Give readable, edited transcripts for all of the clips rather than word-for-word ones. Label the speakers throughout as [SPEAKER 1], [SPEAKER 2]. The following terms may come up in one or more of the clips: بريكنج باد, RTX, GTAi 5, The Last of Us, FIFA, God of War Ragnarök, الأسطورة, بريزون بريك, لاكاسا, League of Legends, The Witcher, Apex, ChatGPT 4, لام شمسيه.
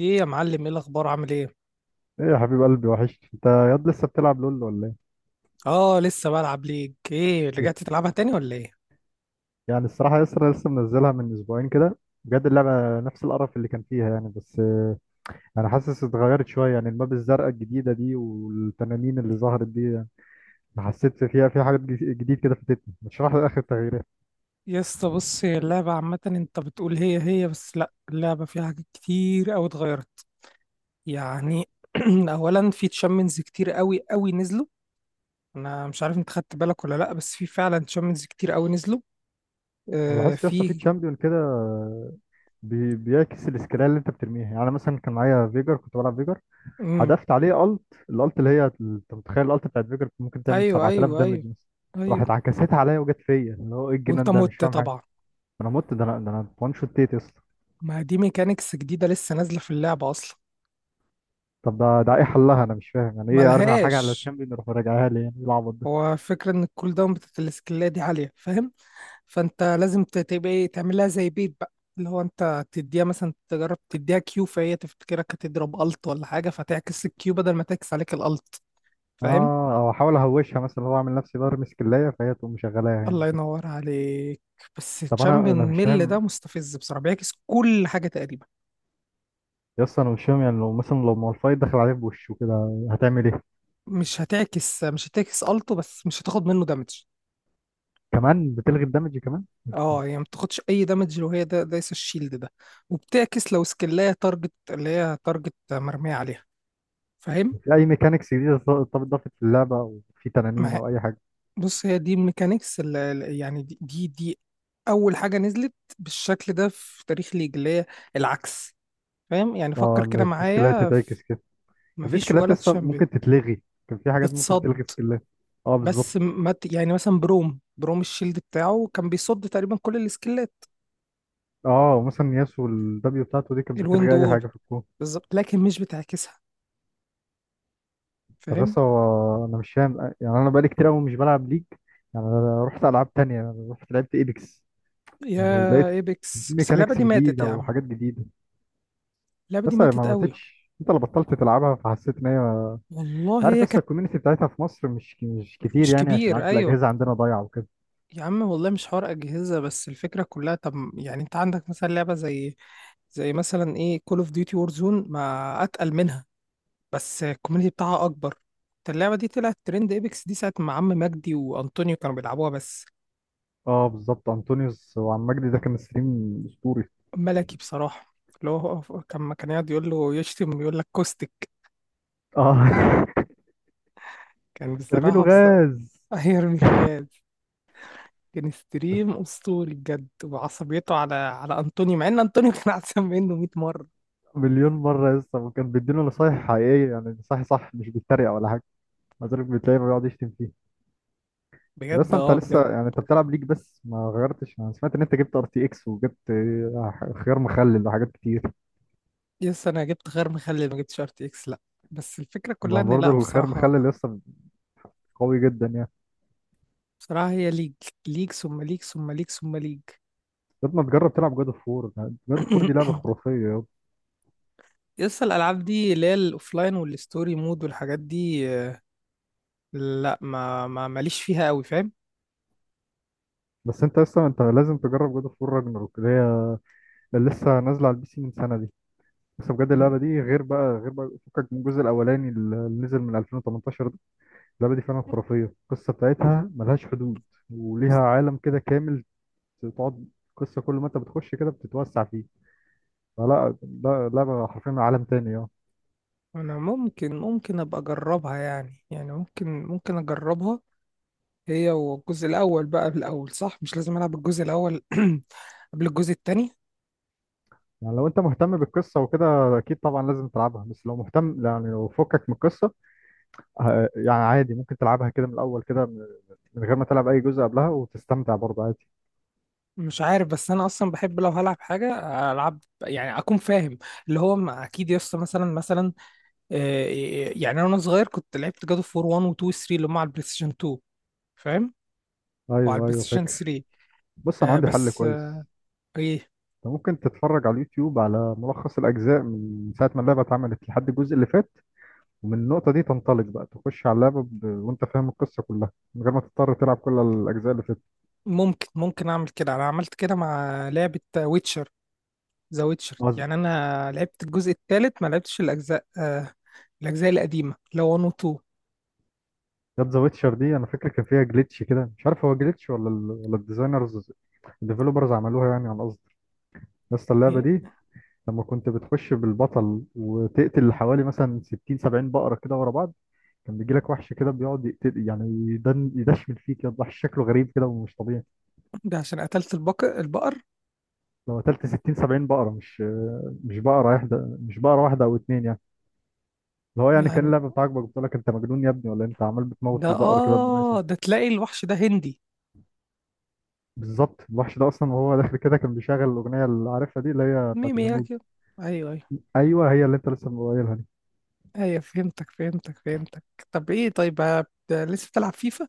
[SPEAKER 1] ايه يا معلم، ايه الاخبار؟ عامل ايه؟
[SPEAKER 2] ايه يا حبيب قلبي، وحشت. انت ياد لسه بتلعب لول ولا
[SPEAKER 1] اه، لسه بلعب ليج. ايه،
[SPEAKER 2] ايه؟
[SPEAKER 1] رجعت تلعبها تاني ولا ايه؟
[SPEAKER 2] يعني الصراحه يسرا لسه منزلها من اسبوعين كده. بجد اللعبه نفس القرف اللي كان فيها يعني، بس انا حاسس اتغيرت شويه، يعني الماب الزرقاء الجديده دي والتنانين اللي ظهرت دي يعني. حسيت فيها في حاجات جديد كده فاتتني. ما تشرح لي اخر التغييرات؟
[SPEAKER 1] يا اسطى بص، هي اللعبه عامه انت بتقول هي هي، بس لا، اللعبه فيها حاجات كتير قوي اتغيرت يعني. اولا في تشامبيونز كتير قوي قوي نزلوا. انا مش عارف انت خدت بالك ولا لا، بس في فعلا تشامبيونز كتير قوي نزلوا.
[SPEAKER 2] انا لاحظت يا اسطى في
[SPEAKER 1] في.
[SPEAKER 2] تشامبيون كده بيعكس السكيلات اللي انت بترميها. يعني أنا مثلا كان معايا فيجر، كنت بلعب فيجر.
[SPEAKER 1] امم
[SPEAKER 2] حذفت عليه الالت، اللي هي انت متخيل الالت بتاعت فيجر ممكن تعمل
[SPEAKER 1] ايوه،
[SPEAKER 2] 7000
[SPEAKER 1] ايوه،
[SPEAKER 2] دامج
[SPEAKER 1] ايوه،
[SPEAKER 2] مثلا. راحت
[SPEAKER 1] ايوه.
[SPEAKER 2] عكستها عليا وجت فيا، اللي هو ايه
[SPEAKER 1] وانت
[SPEAKER 2] الجنان ده، مش
[SPEAKER 1] مت
[SPEAKER 2] فاهم حاجه.
[SPEAKER 1] طبعا.
[SPEAKER 2] انا مت، ده انا وان شوت تيت يا اسطى.
[SPEAKER 1] ما دي ميكانيكس جديده لسه نازله في اللعبه اصلا.
[SPEAKER 2] طب ده ايه
[SPEAKER 1] مم.
[SPEAKER 2] حلها؟ انا مش فاهم يعني، ايه ارمي حاجه على
[SPEAKER 1] ملهاش.
[SPEAKER 2] الشامبيون يروح راجعها لي؟ يعني إيه العبط ده؟
[SPEAKER 1] هو الفكرة إن الكول داون بتاعت السكيلات دي عالية، فاهم؟ فأنت لازم تبقى إيه، تعملها زي بيت بقى، اللي هو أنت تديها مثلا، تجرب تديها كيو، فهي تفتكرك هتضرب ألت ولا حاجة، فتعكس الكيو بدل ما تعكس عليك الألت. فاهم؟
[SPEAKER 2] اه، او احاول اهوشها مثلا، هو اعمل نفسي برمي سكلايه فهي تقوم مشغلاها يعني.
[SPEAKER 1] الله ينور عليك. بس
[SPEAKER 2] طب انا
[SPEAKER 1] تشامبيون
[SPEAKER 2] انا مش
[SPEAKER 1] ميل ده
[SPEAKER 2] فاهم،
[SPEAKER 1] مستفز بصراحة، بيعكس كل حاجة تقريبا.
[SPEAKER 2] يا اسطى انا مش فاهم. يعني لو مثلا لو مالفايت دخل عليه بوشه كده هتعمل ايه؟
[SPEAKER 1] مش هتعكس ألته، بس مش هتاخد منه دامج.
[SPEAKER 2] كمان بتلغي الدمج كمان؟
[SPEAKER 1] اه، يعني ما بتاخدش اي دامج لو هي ده دايس الشيلد ده، وبتعكس لو سكلاية تارجت اللي هي تارجت مرمية عليها. فاهم؟
[SPEAKER 2] في اي ميكانيكس جديده اتضافت في اللعبه، او في تنانين
[SPEAKER 1] ما
[SPEAKER 2] او اي حاجه؟
[SPEAKER 1] بص، هي دي الميكانيكس يعني دي اول حاجه نزلت بالشكل ده في تاريخ ليج، اللي هي العكس. فاهم؟ يعني
[SPEAKER 2] اه،
[SPEAKER 1] فكر كده
[SPEAKER 2] ان في سكيلات
[SPEAKER 1] معايا
[SPEAKER 2] تتعكس كده. كان في
[SPEAKER 1] مفيش
[SPEAKER 2] سكيلات
[SPEAKER 1] ولا
[SPEAKER 2] اصلا
[SPEAKER 1] تشامبيون
[SPEAKER 2] ممكن تتلغي، كان في حاجات ممكن
[SPEAKER 1] بتصد.
[SPEAKER 2] تلغي سكيلات. اه
[SPEAKER 1] بس
[SPEAKER 2] بالظبط.
[SPEAKER 1] م- ما ت- يعني مثلا بروم الشيلد بتاعه كان بيصد تقريبا كل السكيلات.
[SPEAKER 2] اه مثلا ياسو، الدبليو بتاعته دي كانت
[SPEAKER 1] الويند
[SPEAKER 2] بتلغي اي
[SPEAKER 1] وول
[SPEAKER 2] حاجه في الكون.
[SPEAKER 1] بالظبط، لكن مش بتعكسها.
[SPEAKER 2] طب
[SPEAKER 1] فاهم؟
[SPEAKER 2] بس هو انا مش فاهم، يعني انا بقالي كتير قوي مش بلعب ليج. يعني انا رحت العاب تانية، يعني رحت لعبت ايبكس.
[SPEAKER 1] يا
[SPEAKER 2] يعني لقيت في
[SPEAKER 1] ايبكس بس، اللعبه
[SPEAKER 2] ميكانيكس
[SPEAKER 1] دي ماتت
[SPEAKER 2] جديده
[SPEAKER 1] يا عم.
[SPEAKER 2] وحاجات جديده.
[SPEAKER 1] اللعبه دي
[SPEAKER 2] بس ما
[SPEAKER 1] ماتت قوي.
[SPEAKER 2] ماتتش، انت اللي بطلت تلعبها فحسيت ان هي. انت
[SPEAKER 1] والله
[SPEAKER 2] عارف
[SPEAKER 1] هي
[SPEAKER 2] لسه
[SPEAKER 1] كانت.
[SPEAKER 2] الكوميونتي بتاعتها في مصر مش كتير
[SPEAKER 1] مش
[SPEAKER 2] يعني، عشان
[SPEAKER 1] كبير،
[SPEAKER 2] عارف
[SPEAKER 1] ايوه.
[SPEAKER 2] الاجهزه عندنا ضايعه.
[SPEAKER 1] يا عم والله مش حوار أجهزة، بس الفكرة كلها. طب يعني أنت عندك مثلا لعبة زي، زي مثلا إيه، كول أوف ديوتي وورزون، ما أتقل منها، بس الكوميونتي بتاعها أكبر. أنت اللعبة دي طلعت ترند، إيبكس دي ساعة ما عم مجدي وأنطونيو كانوا بيلعبوها بس.
[SPEAKER 2] اه بالظبط، انطونيوس وعم مجدي ده كان ستريم اسطوري.
[SPEAKER 1] ملكي بصراحة. اللي هو، هو كان ما كان يقعد يقول له، يشتم، يقول لك كوستك.
[SPEAKER 2] اه.
[SPEAKER 1] كان
[SPEAKER 2] ترميله
[SPEAKER 1] بصراحة، بس
[SPEAKER 2] غاز.
[SPEAKER 1] هيرمي له غاز. كان
[SPEAKER 2] بس
[SPEAKER 1] ستريم أسطوري بجد، وعصبيته على على أنطونيو، مع إن أنطونيو كان أحسن منه 100 مرة.
[SPEAKER 2] مليون مره لسه، وكان بيديله نصايح حقيقيه، يعني نصايح صح مش بيتريق ولا حاجه. مع ذلك بتلاقيه بيقعد يشتم فيه.
[SPEAKER 1] بجد،
[SPEAKER 2] بس انت
[SPEAKER 1] اه، بجد.
[SPEAKER 2] لسه يعني انت بتلعب ليك بس ما غيرتش. انا سمعت ان انت جبت ار تي اكس وجبت خيار مخلل وحاجات كتير.
[SPEAKER 1] يس، انا جبت غير مخلي، ما جبتش ار تي اكس لا. بس الفكره كلها
[SPEAKER 2] ما
[SPEAKER 1] ان
[SPEAKER 2] برضه
[SPEAKER 1] لا،
[SPEAKER 2] الخيار مخلل
[SPEAKER 1] بصراحه.
[SPEAKER 2] لسه قوي جدا يعني.
[SPEAKER 1] بصراحه، هي ليج. ليج ثم ليج ثم ليج ثم ليج.
[SPEAKER 2] طب ما تجرب تلعب جاد اوف وور. جاد اوف وور دي لعبه خرافيه يابا.
[SPEAKER 1] يس، الالعاب دي، اللي هي الاوفلاين والستوري مود والحاجات دي، لا، ما ما ماليش فيها قوي. فاهم؟
[SPEAKER 2] بس انت لسه انت لازم تجرب جاد اوف وور راجناروك، اللي هي اللي لسه نازله على البي سي من سنه دي. بس بجد اللعبة دي غير بقى، غير بقى، فكك من الجزء الأولاني اللي نزل من 2018 ده. اللعبة دي فعلا خرافية، القصة بتاعتها ملهاش حدود، وليها عالم كده كامل تقعد. قصة كل ما انت بتخش كده بتتوسع فيه. فلا، ده لعبة حرفيا عالم تاني. اه،
[SPEAKER 1] انا ممكن، ابقى اجربها يعني، يعني ممكن اجربها. هي والجزء الاول بقى بالاول، صح؟ مش لازم العب الجزء الاول قبل الجزء التاني.
[SPEAKER 2] يعني لو انت مهتم بالقصة وكده اكيد طبعا لازم تلعبها. بس لو مهتم يعني لو فكك من القصة يعني عادي ممكن تلعبها كده من الأول كده، من غير ما تلعب أي جزء قبلها وتستمتع برضه عادي.
[SPEAKER 1] مش عارف، بس انا اصلا بحب لو هلعب حاجه العب يعني اكون فاهم. اللي هو اكيد، يس، مثلا، يعني انا وانا صغير كنت لعبت جاد اوف وور 1 و 2 و 3، اللي هم على البلاي ستيشن 2. فاهم؟ وعلى
[SPEAKER 2] ايوه،
[SPEAKER 1] البلاي
[SPEAKER 2] ايوه،
[SPEAKER 1] ستيشن
[SPEAKER 2] فاكر.
[SPEAKER 1] 3.
[SPEAKER 2] بص انا
[SPEAKER 1] آه،
[SPEAKER 2] عندي حل
[SPEAKER 1] بس آه،
[SPEAKER 2] كويس.
[SPEAKER 1] ايه.
[SPEAKER 2] أنت ممكن تتفرج على اليوتيوب على ملخص الأجزاء من ساعة ما اللعبة اتعملت لحد الجزء اللي فات. ومن النقطة دي تنطلق بقى تخش على اللعبة، وأنت فاهم القصة كلها من غير ما تضطر تلعب كل الأجزاء اللي فاتت.
[SPEAKER 1] ممكن، اعمل كده، انا عملت كده مع لعبه ويتشر، ذا ويتشر.
[SPEAKER 2] وز-
[SPEAKER 1] يعني انا لعبت الجزء الثالث، ما لعبتش الاجزاء الاجزاء القديمه اللي هو 1 و 2.
[SPEAKER 2] جت ذا ويتشر دي، أنا فاكر كان فيها جليتش كده، مش عارف هو جليتش ولا الديفلوبرز عملوها يعني عن قصد. بس اللعبة
[SPEAKER 1] إيه؟
[SPEAKER 2] دي لما كنت بتخش بالبطل وتقتل حوالي مثلا 60 70 بقرة كده ورا بعض، كان بيجيلك وحش كده بيقعد يقتل، يعني يدشمل فيك، يضح شكله غريب كده ومش طبيعي.
[SPEAKER 1] ده عشان قتلت البقر
[SPEAKER 2] لو قتلت 60 70 بقرة، مش بقرة واحدة، مش بقرة واحدة أو اتنين يعني. اللي هو يعني كان
[SPEAKER 1] يعني.
[SPEAKER 2] اللعبة بتاعك بقول لك أنت مجنون يا ابني ولا إيه؟ أنت عمال بتموت
[SPEAKER 1] ده
[SPEAKER 2] في البقر كده بدون أي
[SPEAKER 1] اه،
[SPEAKER 2] سبب.
[SPEAKER 1] ده تلاقي الوحش ده هندي.
[SPEAKER 2] بالظبط، الوحش ده أصلا وهو داخل كده كان بيشغل الأغنية اللي عارفها دي، اللي هي بتاعت الهنود.
[SPEAKER 1] ميمياجي. ايوه، ايوه.
[SPEAKER 2] أيوه، هي اللي أنت لسه قايلها دي.
[SPEAKER 1] ايوه، فهمتك، فهمتك، فهمتك. طب ايه، طيب ده لسه بتلعب فيفا؟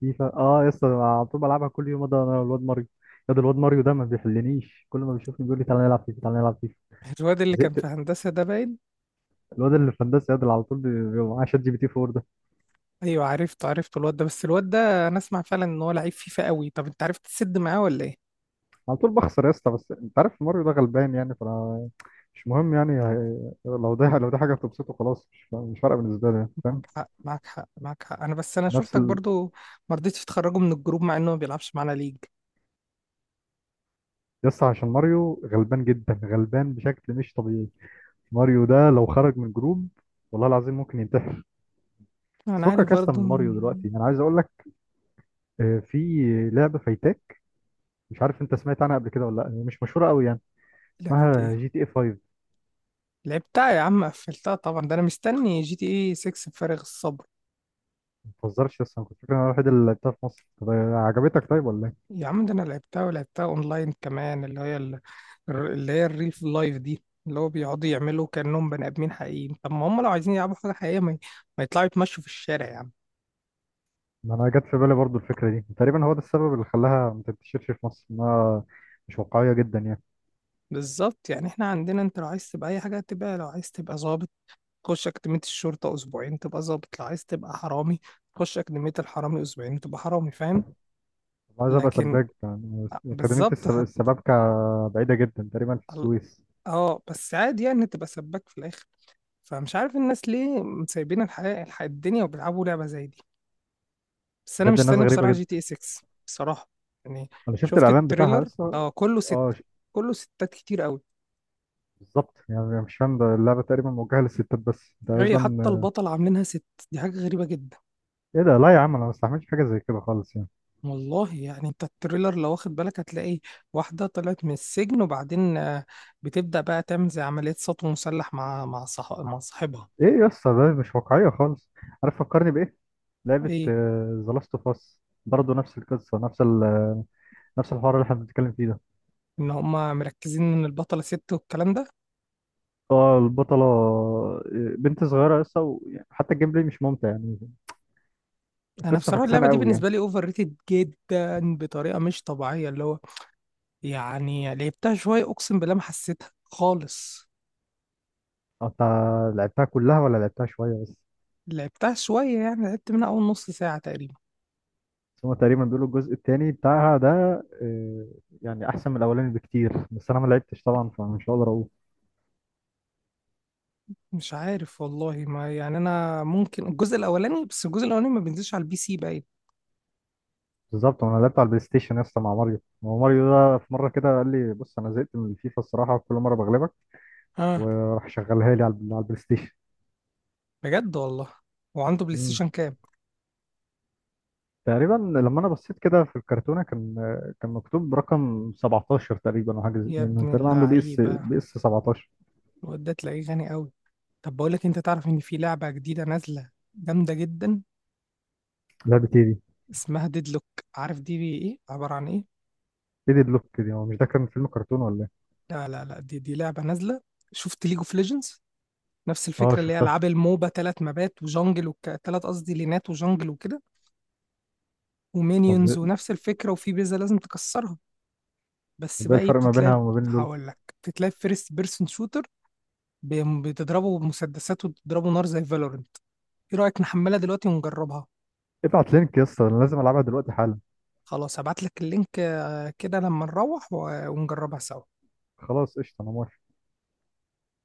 [SPEAKER 2] فيفا أه يا اسطى، أنا على طول بلعبها كل يوم، ده أنا والواد ماريو. يا ده الواد ماريو ده ما بيحلنيش، كل ما بيشوفني بيقول لي تعالى نلعب فيفا، تعالى نلعب فيفا.
[SPEAKER 1] الواد اللي كان في
[SPEAKER 2] زهقت.
[SPEAKER 1] هندسة ده باين.
[SPEAKER 2] الواد اللي في هندسة، يا ده اللي على طول بيبقى معاه شات جي بي تي 4 ده.
[SPEAKER 1] ايوه، عرفته، عرفته الواد ده، بس الواد ده انا اسمع فعلا ان هو لعيب فيفا قوي. طب انت عرفت تسد معاه ولا ايه؟
[SPEAKER 2] على طول بخسر يا اسطى، بس أنت عارف ماريو ده غلبان يعني، فأنا مش مهم يعني، لو ده حاجة بتبسطه، خلاص مش فارقة بالنسبة لي يعني، فاهم.
[SPEAKER 1] معاك حق، معاك حق، معاك حق. انا بس، انا
[SPEAKER 2] نفس
[SPEAKER 1] شفتك
[SPEAKER 2] ال...
[SPEAKER 1] برضو ما رضيتش تخرجه من الجروب مع انه ما بيلعبش معانا ليج.
[SPEAKER 2] يس عشان ماريو غلبان جدا، غلبان بشكل مش طبيعي. ماريو ده لو خرج من جروب والله العظيم ممكن ينتحر. بس
[SPEAKER 1] انا عارف
[SPEAKER 2] فكك يا اسطى
[SPEAKER 1] برضو.
[SPEAKER 2] من ماريو دلوقتي، انا عايز اقول لك في لعبة فايتاك. مش عارف انت سمعت عنها قبل كده ولا لا، هي مش مشهورة قوي يعني.
[SPEAKER 1] لعبة
[SPEAKER 2] اسمها
[SPEAKER 1] ايه؟
[SPEAKER 2] جي تي اي 5.
[SPEAKER 1] لعبتها يا عم، قفلتها طبعا، ده انا مستني جي تي اي 6 بفارغ الصبر.
[SPEAKER 2] ما تهزرش. يس انا كنت فاكر إن انا الوحيد اللي لعبتها في مصر. طب عجبتك طيب ولا ايه؟
[SPEAKER 1] يا عم، ده انا لعبتها، ولعبتها اونلاين كمان، اللي هي اللي هي الريل في اللايف دي، اللي هو بيقعدوا يعملوا كأنهم بني ادمين حقيقيين. طب ما هم لو عايزين يلعبوا حاجة حقيقية، ما يطلعوا يتمشوا في الشارع يا عم.
[SPEAKER 2] ما انا جت في بالي برضو الفكرة دي تقريبا، هو ده السبب اللي خلاها ما تنتشرش في مصر، انها مش واقعية جدا يعني.
[SPEAKER 1] بالظبط، يعني احنا عندنا، انت لو عايز تبقى اي حاجة تبقى، لو عايز تبقى ظابط تخش أكاديمية الشرطة أسبوعين تبقى ظابط، لو عايز تبقى حرامي تخش أكاديمية الحرامي أسبوعين تبقى حرامي. فاهم؟
[SPEAKER 2] طب عايز ابقى
[SPEAKER 1] لكن
[SPEAKER 2] سباك، يعني اكاديميه
[SPEAKER 1] بالظبط،
[SPEAKER 2] السبابكه بعيده جدا تقريبا في
[SPEAKER 1] ال-
[SPEAKER 2] السويس.
[SPEAKER 1] اه، بس عادي يعني تبقى سباك في الآخر. فمش عارف الناس ليه سايبين الحياة، الدنيا، وبيلعبوا لعبة زي دي. بس انا
[SPEAKER 2] بجد ناس
[SPEAKER 1] مستني
[SPEAKER 2] غريبه
[SPEAKER 1] بصراحه جي تي
[SPEAKER 2] جدا.
[SPEAKER 1] اي 6 بصراحه يعني.
[SPEAKER 2] انا شفت
[SPEAKER 1] شفت
[SPEAKER 2] الاعلان بتاعها
[SPEAKER 1] التريلر؟
[SPEAKER 2] لسه.
[SPEAKER 1] اه، كله
[SPEAKER 2] اه.
[SPEAKER 1] ستة، كله ستات كتير قوي.
[SPEAKER 2] بالظبط يعني، مش فاهم، ده اللعبه تقريبا موجهه للستات بس
[SPEAKER 1] هي حتى
[SPEAKER 2] تقريبا.
[SPEAKER 1] البطل عاملينها ست. دي حاجه غريبه جدا.
[SPEAKER 2] ايه ده؟ لا يا عم، انا ما استحملش حاجه زي كده خالص يعني.
[SPEAKER 1] والله يعني انت التريلر لو واخد بالك هتلاقي واحده طلعت من السجن وبعدين بتبدا بقى تعمل زي عمليه سطو مسلح مع مع صاحبها.
[SPEAKER 2] ايه يا اسطى، ده مش واقعيه خالص. عارف فكرني بايه؟ لعبه
[SPEAKER 1] ايه،
[SPEAKER 2] ذا لاست اوف اس. برضه نفس القصه، نفس الحوار اللي احنا بنتكلم فيه ده.
[SPEAKER 1] ان هما مركزين ان البطله ست والكلام ده.
[SPEAKER 2] اه البطله، بنت صغيره لسه. حتى الجيم بلاي مش ممتع يعني،
[SPEAKER 1] انا
[SPEAKER 2] القصه
[SPEAKER 1] بصراحه اللعبه
[SPEAKER 2] فكسانه
[SPEAKER 1] دي
[SPEAKER 2] قوي يعني.
[SPEAKER 1] بالنسبه لي اوفر ريتد جدا بطريقه مش طبيعيه. اللي هو يعني لعبتها شوية، أقسم بالله ما حسيتها خالص.
[SPEAKER 2] اه، انت لعبتها كلها ولا لعبتها شوية بس؟
[SPEAKER 1] لعبتها شوية، يعني لعبت منها أول نص ساعة تقريبا.
[SPEAKER 2] بس هما تقريبا بيقولوا الجزء التاني بتاعها ده آه، يعني أحسن من الأولاني بكتير، بس أنا ما لعبتش طبعا فمش هقدر أقول.
[SPEAKER 1] مش عارف والله، ما، يعني أنا ممكن الجزء الأولاني، بس الجزء الأولاني ما بينزلش على البي سي باين.
[SPEAKER 2] بالظبط، وأنا لعبت على البلاي ستيشن يا اسطى مع ماريو. هو ماريو ده في مرة كده قال لي، بص أنا زهقت من الفيفا الصراحة كل مرة بغلبك.
[SPEAKER 1] آه،
[SPEAKER 2] وراح شغلها لي على البلاي ستيشن.
[SPEAKER 1] بجد والله. وعنده بلاي
[SPEAKER 2] مم.
[SPEAKER 1] ستيشن كام؟
[SPEAKER 2] تقريبا لما أنا بصيت كده في الكرتونة كان مكتوب رقم 17 تقريبا أو
[SPEAKER 1] يا
[SPEAKER 2] يعني
[SPEAKER 1] ابن
[SPEAKER 2] تقريبا عنده بي اس
[SPEAKER 1] اللعيبة،
[SPEAKER 2] بي اس 17.
[SPEAKER 1] الواد ده تلاقيه غني أوي. طب بقول لك، أنت تعرف إن في لعبة جديدة نازلة جامدة جدا؟
[SPEAKER 2] لعبة إيه دي؟
[SPEAKER 1] اسمها ديدلوك. عارف دي بي إيه عبارة عن إيه؟
[SPEAKER 2] إيه دي بلوك دي؟ هو مش ده كان فيلم كرتون ولا إيه؟
[SPEAKER 1] لا لا لا، دي لعبة نازلة. شفت ليج اوف ليجندز؟ نفس
[SPEAKER 2] اه
[SPEAKER 1] الفكرة، اللي هي
[SPEAKER 2] شفتها.
[SPEAKER 1] ألعاب الموبا، تلات، قصدي، لينات وجانجل وكده،
[SPEAKER 2] طب
[SPEAKER 1] ومينيونز ونفس الفكرة، وفي بيزا لازم تكسرها. بس
[SPEAKER 2] طب ايه
[SPEAKER 1] بقى ايه
[SPEAKER 2] الفرق ما بينها
[SPEAKER 1] بتتلعب؟
[SPEAKER 2] وما بين لول؟
[SPEAKER 1] هقول لك بتتلعب فيرست بيرسون شوتر، بتضربه بمسدسات وتضربه نار زي فالورنت. ايه رأيك نحملها دلوقتي ونجربها؟
[SPEAKER 2] ابعت لينك يا اسطى، انا لازم العبها دلوقتي حالا.
[SPEAKER 1] خلاص هبعت لك اللينك، كده لما نروح ونجربها سوا.
[SPEAKER 2] خلاص قشطه، انا موافق.